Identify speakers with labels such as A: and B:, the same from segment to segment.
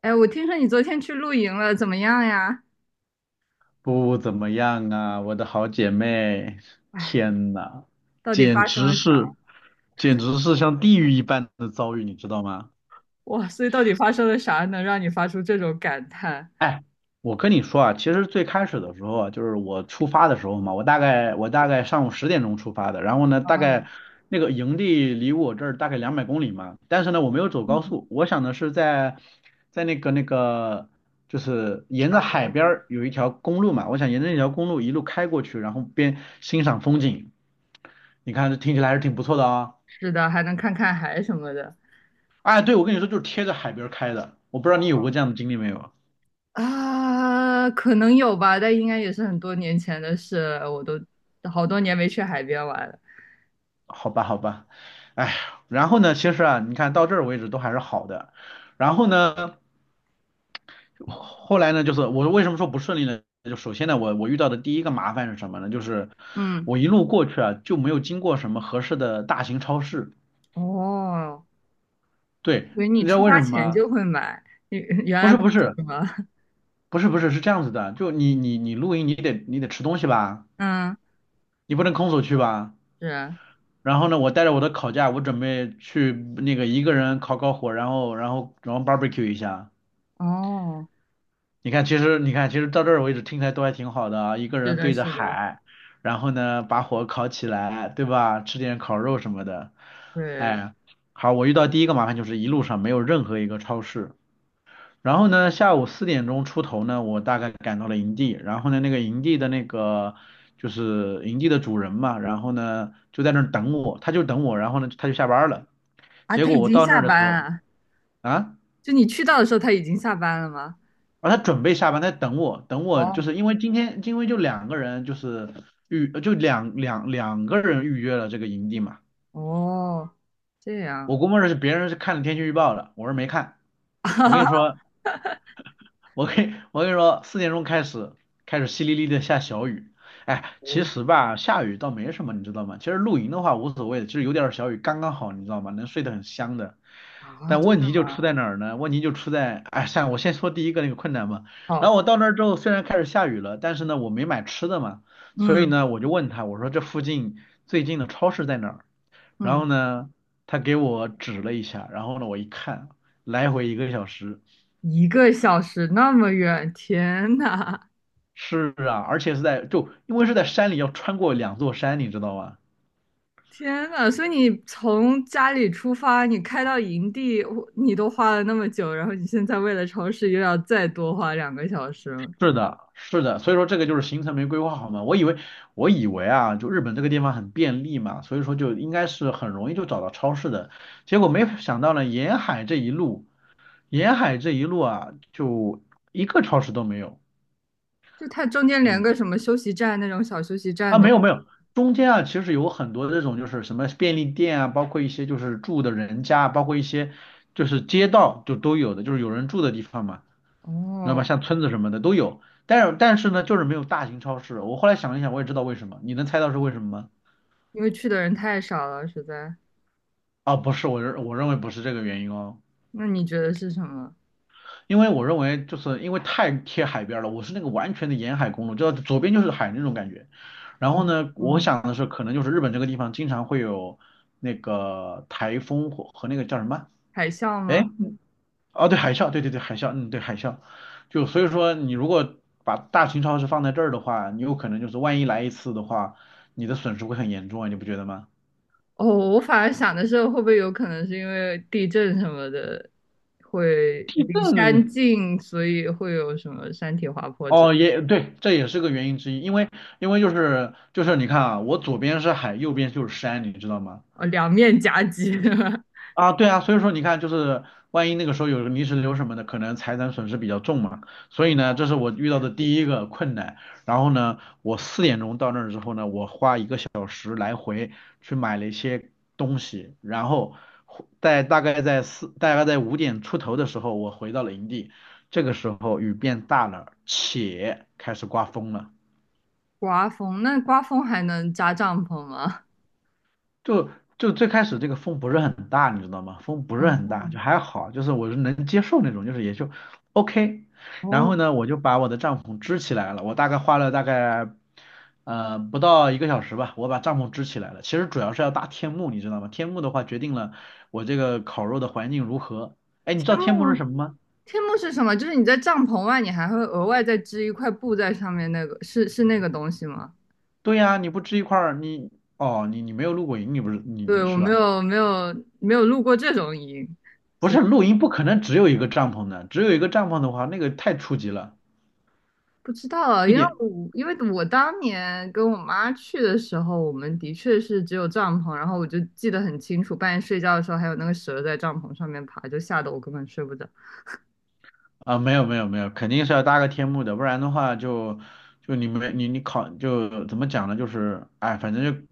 A: 哎，我听说你昨天去露营了，怎么样呀？
B: 不怎么样啊，我的好姐妹，
A: 哎，
B: 天呐，
A: 到底
B: 简
A: 发生
B: 直
A: 了啥？
B: 是，简直是像地狱一般的遭遇，你知道吗？
A: 哇，所以到底发生了啥，能让你发出这种感叹？
B: 哎，我跟你说啊，其实最开始的时候啊，就是我出发的时候嘛，我大概上午10点钟出发的，然后呢，大
A: 啊，
B: 概那个营地离我这儿大概200公里嘛，但是呢，我没有走高
A: 嗯
B: 速，我想的是在在那个那个。就是沿
A: 小
B: 着海
A: 周
B: 边
A: 吗？
B: 儿有一条公路嘛，我想沿着那条公路一路开过去，然后边欣赏风景。你看这听起来还是挺不错的啊。
A: 是的，还能看看海什么的。
B: 哎，对，我跟你说，就是贴着海边儿开的，我不知道你有过这样的经历没有？
A: 啊，可能有吧，但应该也是很多年前的事，我都好多年没去海边玩了。
B: 好吧，好吧。哎呀，然后呢，其实啊，你看到这儿为止都还是好的。然后呢，后来呢，就是我为什么说不顺利呢？就首先呢，我遇到的第一个麻烦是什么呢？就是
A: 嗯，
B: 我一路过去啊，就没有经过什么合适的大型超市。
A: 哦，
B: 对，
A: 所以为你
B: 你知道
A: 出
B: 为什
A: 发
B: 么
A: 前
B: 吗？
A: 就会买，原原
B: 不
A: 来
B: 是
A: 不
B: 不是
A: 是吗？
B: 不是不是，是这样子的，就你露营你得吃东西吧，
A: 嗯，
B: 你不能空手去吧。
A: 是啊，
B: 然后呢，我带着我的烤架，我准备去那个一个人烤烤火，然后 barbecue 一下。
A: 哦，
B: 你看，其实你看，其实到这儿为止听起来都还挺好的啊，一个
A: 是
B: 人
A: 的，
B: 对着
A: 是的，
B: 海，然后呢把火烤起来，对吧？吃点烤肉什么的。
A: 对，
B: 哎，好，我遇到第一个麻烦就是一路上没有任何一个超市。然后呢，下午四点钟出头呢，我大概赶到了营地。然后呢，那个营地的那个就是营地的主人嘛，然后呢就在那儿等我，他就等我，然后呢他就下班了。
A: 啊，
B: 结
A: 他
B: 果
A: 已
B: 我
A: 经
B: 到那
A: 下
B: 儿的
A: 班
B: 时候
A: 啊。
B: 啊，
A: 就你去到的时候，他已经下班了吗？
B: 啊，他准备下班，他在等我，等我，就
A: 哦，
B: 是因为今天因为就两个人就是预就两两两个人预约了这个营地嘛，
A: 哦，这
B: 我
A: 样，
B: 估摸着是别人是看了天气预报的，我是没看。我跟你说，我跟你说，四点钟开始淅沥沥的下小雨。哎，
A: 哦。
B: 其实吧，下雨倒没什么，你知道吗？其实露营的话无所谓，其实有点儿小雨刚刚好，你知道吗？能睡得很香的。
A: 啊，
B: 但
A: 真
B: 问
A: 的
B: 题就
A: 吗？
B: 出在哪儿呢？问题就出在，哎，像我先说第一个那个困难吧。然
A: 好，
B: 后我到那儿之后，虽然开始下雨了，但是呢，我没买吃的嘛，所以
A: 嗯
B: 呢，我就问他，我说这附近最近的超市在哪儿？然
A: 嗯，
B: 后呢，他给我指了一下，然后呢，我一看，来回一个小时。
A: 一个小时那么远，天呐，
B: 是啊，而且是在就因为是在山里，要穿过两座山，你知道吗？
A: 天呐！所以你从家里出发，你开到营地，你都花了那么久，然后你现在为了超市又要再多花两个小时了，
B: 是的，是的，所以说这个就是行程没规划好嘛。我以为啊，就日本这个地方很便利嘛，所以说就应该是很容易就找到超市的。结果没想到呢，沿海这一路啊，就一个超市都没有。
A: 就它中间连
B: 嗯，
A: 个什么休息站那种小休息站
B: 啊，没
A: 都，
B: 有没有，中间啊其实有很多这种就是什么便利店啊，包括一些就是住的人家，包括一些就是街道就都有的，就是有人住的地方嘛。知道吧？
A: 哦，
B: 像村子什么的都有，但是呢，就是没有大型超市。我后来想了一想，我也知道为什么。你能猜到是为什么吗？
A: 因为去的人太少了，实在。
B: 啊，不是，我认为不是这个原因哦，
A: 那你觉得是什么？
B: 因为我认为就是因为太贴海边了，我是那个完全的沿海公路，就左边就是海那种感觉。然后
A: 哦，
B: 呢，我
A: 嗯。
B: 想的是可能就是日本这个地方经常会有那个台风或和那个叫什么？
A: 海啸
B: 哎，
A: 吗？
B: 哦，对海啸，对对对海啸，对海啸，就所以说你如果把大型超市放在这儿的话，你有可能就是万一来一次的话，你的损失会很严重啊，你不觉得吗？
A: 哦，我反而想的是，会不会有可能是因为地震什么的，会离山
B: 嗯，
A: 近，所以会有什么山体滑坡之类
B: 哦，也对，这也是个原因之一，因为就是你看啊，我左边是海，右边就是山，你知道吗？
A: 哦，两面夹击。
B: 啊，对啊，所以说你看，就是万一那个时候有个泥石流什么的，可能财产损失比较重嘛。所以
A: 哦，
B: 呢，这是我遇到的
A: 对，
B: 第一个困难。然后呢，我四点钟到那儿之后呢，我花一个小时来回去买了一些东西，然后回在大概在5点出头的时候，我回到了营地。这个时候雨变大了，且开始刮风了。
A: 刮风，那刮风还能扎帐篷吗？
B: 就最开始这个风不是很大，你知道吗？风不是很大，
A: 哦
B: 就还好，就是我是能接受那种，就是也就 OK。然后
A: 哦，
B: 呢，我就把我的帐篷支起来了，我大概花了不到一个小时吧，我把帐篷支起来了。其实主要是要搭天幕，你知道吗？天幕的话决定了我这个烤肉的环境如何。哎，你知
A: 天
B: 道天幕是
A: 幕，
B: 什么吗？
A: 天幕是什么？就是你在帐篷外，你还会额外再织一块布在上面，那个是那个东西吗？
B: 对呀，你不支一块儿，你哦，你你没有露过营，你不是你
A: 对，
B: 你
A: 我
B: 是
A: 没
B: 吧？
A: 有没有没有露过这种营。
B: 不是露营不可能只有一个帐篷的，只有一个帐篷的话，那个太初级了。
A: 不知道啊，
B: 一
A: 因为
B: 点，
A: 我因为我当年跟我妈去的时候，我们的确是只有帐篷，然后我就记得很清楚，半夜睡觉的时候还有那个蛇在帐篷上面爬，就吓得我根本睡不着。
B: 啊，没有没有没有，肯定是要搭个天幕的，不然的话就就你没你你考就怎么讲呢？就是哎，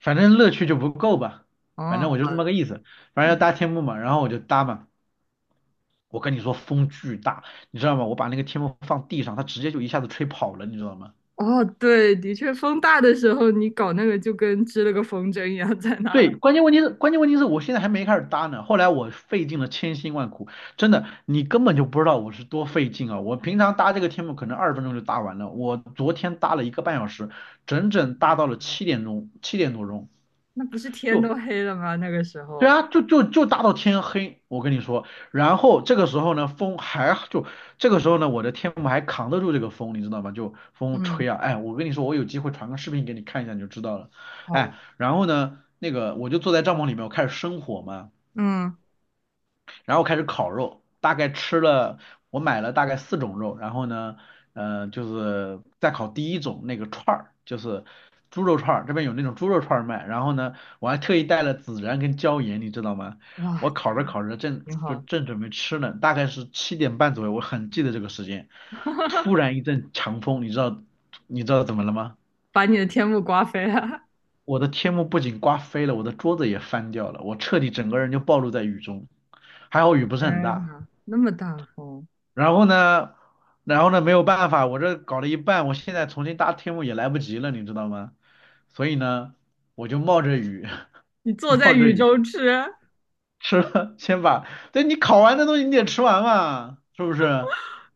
B: 反正乐趣就不够吧，反正
A: 哦，
B: 我就这么个意思，反正
A: 嗯
B: 要搭天幕嘛，然后我就搭嘛。我跟你说风巨大，你知道吗？我把那个天幕放地上，它直接就一下子吹跑了，你知道吗？
A: 哦，对，的确，风大的时候你搞那个就跟织了个风筝一样在那儿，
B: 对，关键问题是我现在还没开始搭呢。后来我费尽了千辛万苦，真的，你根本就不知道我是多费劲啊！我平常搭这个天幕可能20分钟就搭完了，我昨天搭了1个半小时，整整搭到了
A: 天
B: 7点钟，7点多钟，
A: 那不是天
B: 就
A: 都黑了吗？那个时
B: 对
A: 候，
B: 啊，就大到天黑，我跟你说。然后这个时候呢，风还就这个时候呢，我的天幕还扛得住这个风，你知道吗？就风
A: 嗯，
B: 吹啊，哎，我跟你说，我有机会传个视频给你看一下，你就知道了。
A: 好，
B: 哎，然后呢，那个我就坐在帐篷里面，我开始生火嘛。
A: 嗯，
B: 然后开始烤肉，大概吃了，我买了大概四种肉，然后呢，就是再烤第一种那个串儿，就是猪肉串儿，这边有那种猪肉串儿卖，然后呢，我还特意带了孜然跟椒盐，你知道吗？
A: 哇，
B: 我烤着烤着
A: 挺好，
B: 正准备吃呢，大概是7点半左右，我很记得这个时间，突 然一阵强风，你知道怎么了吗？
A: 把你的天幕刮飞了。
B: 我的天幕不仅刮飞了，我的桌子也翻掉了，我彻底整个人就暴露在雨中，还好雨不是很
A: 天
B: 大。
A: 呐，那么大风，
B: 然后呢，然后呢，没有办法，我这搞了一半，我现在重新搭天幕也来不及了，你知道吗？所以呢，我就冒着雨，
A: 你 坐在
B: 冒着
A: 雨
B: 雨
A: 中吃。
B: 吃了，对你烤完的东西你得吃完嘛，是不是？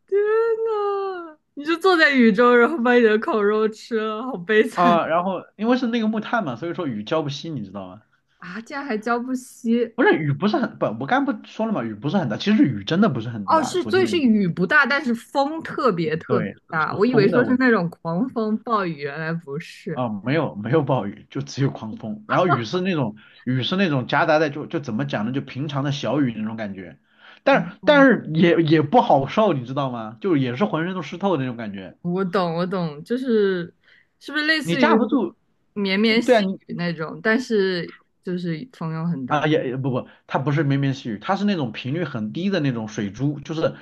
A: 天呐，你就坐在雨中，然后把你的烤肉吃了，好悲惨
B: 啊，然后因为是那个木炭嘛，所以说雨浇不熄，你知道吗？
A: 啊！竟然还浇不熄。
B: 不是雨不是很不，我刚不说了嘛，雨不是很大，其实雨真的不是很
A: 哦，
B: 大，
A: 是，
B: 昨
A: 所
B: 天
A: 以
B: 的
A: 是
B: 雨，
A: 雨不大，但是风特别特
B: 对，
A: 别
B: 是
A: 大。我以为
B: 风
A: 说
B: 的
A: 是
B: 问题。
A: 那种狂风暴雨，原来不是。
B: 啊、没有没有暴雨，就只有狂风，然后雨是那种雨是那种夹杂在就怎么讲呢，就平常的小雨那种感觉，
A: 哦，
B: 但但
A: 哦
B: 是也不好受，你知道吗？就也是浑身都湿透的那种感觉，
A: 我懂，我懂，就是是不是类
B: 你
A: 似于
B: 架不住，
A: 绵绵
B: 对啊
A: 细
B: 你
A: 雨那种，但是就是风又很大。
B: 啊也不，它不是绵绵细雨，它是那种频率很低的那种水珠，就是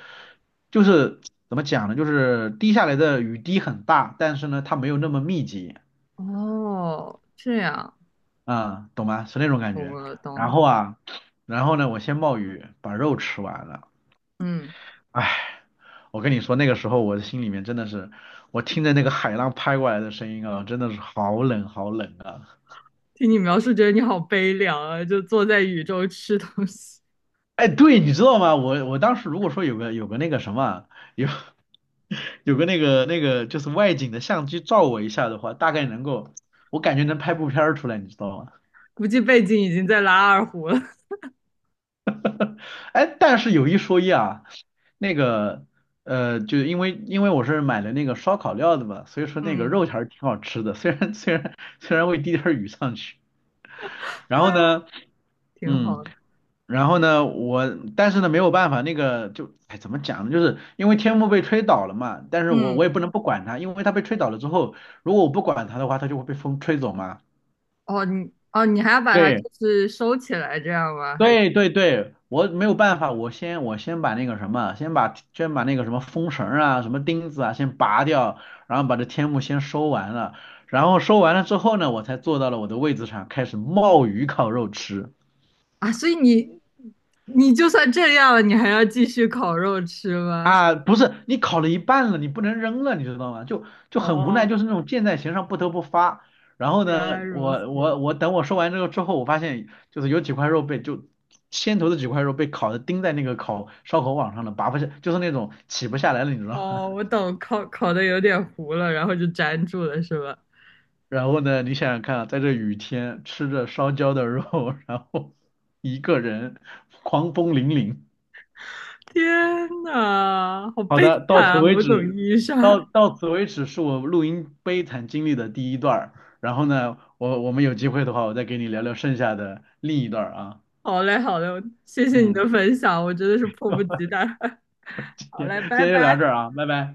B: 就是怎么讲呢，就是滴下来的雨滴很大，但是呢它没有那么密集。
A: 哦，这样，
B: 嗯，懂吗？是那种感
A: 懂
B: 觉。
A: 了，懂
B: 然
A: 了。
B: 后啊，然后呢，我先冒雨把肉吃完了。
A: 嗯，
B: 哎，我跟你说，那个时候我的心里面真的是，我听着那个海浪拍过来的声音啊，真的是好冷好冷啊。
A: 听你描述，觉得你好悲凉啊，就坐在雨中吃东西。
B: 哎，对，你知道吗？我当时如果说有个那个什么，有 有个那个就是外景的相机照我一下的话，大概能够，我感觉能拍部片儿出来，你知道吗？
A: 估计背景已经在拉二胡了，
B: 哎，但是有一说一啊，那个就因为我是买了那个烧烤料的嘛，所以 说那个
A: 嗯
B: 肉还是挺好吃的，虽然会滴点儿雨上去。然后
A: 哎，
B: 呢，
A: 挺
B: 嗯，
A: 好的。
B: 然后呢，但是呢没有办法，那个就哎怎么讲呢，就是因为天幕被吹倒了嘛，但是我也
A: 嗯，
B: 不能不管它，因为它被吹倒了之后，如果我不管它的话，它就会被风吹走嘛。
A: 哦，你哦，你还要把它
B: 对，
A: 就是收起来这样吗？还是
B: 对对对，我没有办法，我先把那个什么，先把那个什么风绳儿啊、什么钉子啊先拔掉，然后把这天幕先收完了，然后收完了之后呢，我才坐到了我的位置上，开始冒雨烤肉吃。
A: 啊？所以你你就算这样了，你还要继续烤肉吃吗？
B: 啊，不是，你烤了一半了，你不能扔了，你知道吗？就 就很无奈，
A: 哦，
B: 就是那种箭在弦上不得不发。然后
A: 原来
B: 呢，
A: 如
B: 我
A: 此。
B: 我我等我说完这个之后，我发现就是有几块肉被就先头的几块肉被烤的钉在那个烤烧烤网上了，拔不下，就是那种起不下来了，你知道吗？
A: 哦，我懂，烤烤的有点糊了，然后就粘住了，是吧？
B: 然后呢，你想想看啊，在这雨天吃着烧焦的肉，然后一个人狂风凛凛。
A: 天呐，好
B: 好
A: 悲
B: 的，
A: 惨
B: 到此
A: 啊！
B: 为
A: 某种
B: 止，
A: 意义上，
B: 到此为止是我录音悲惨经历的第一段儿。然后呢，我们有机会的话，我再给你聊聊剩下的另一段儿啊。
A: 好嘞，好嘞，谢谢你
B: 嗯，
A: 的分享，我真的是迫不及待。
B: 今
A: 好
B: 天
A: 嘞，
B: 今
A: 拜
B: 天就聊
A: 拜。
B: 这儿啊，拜拜。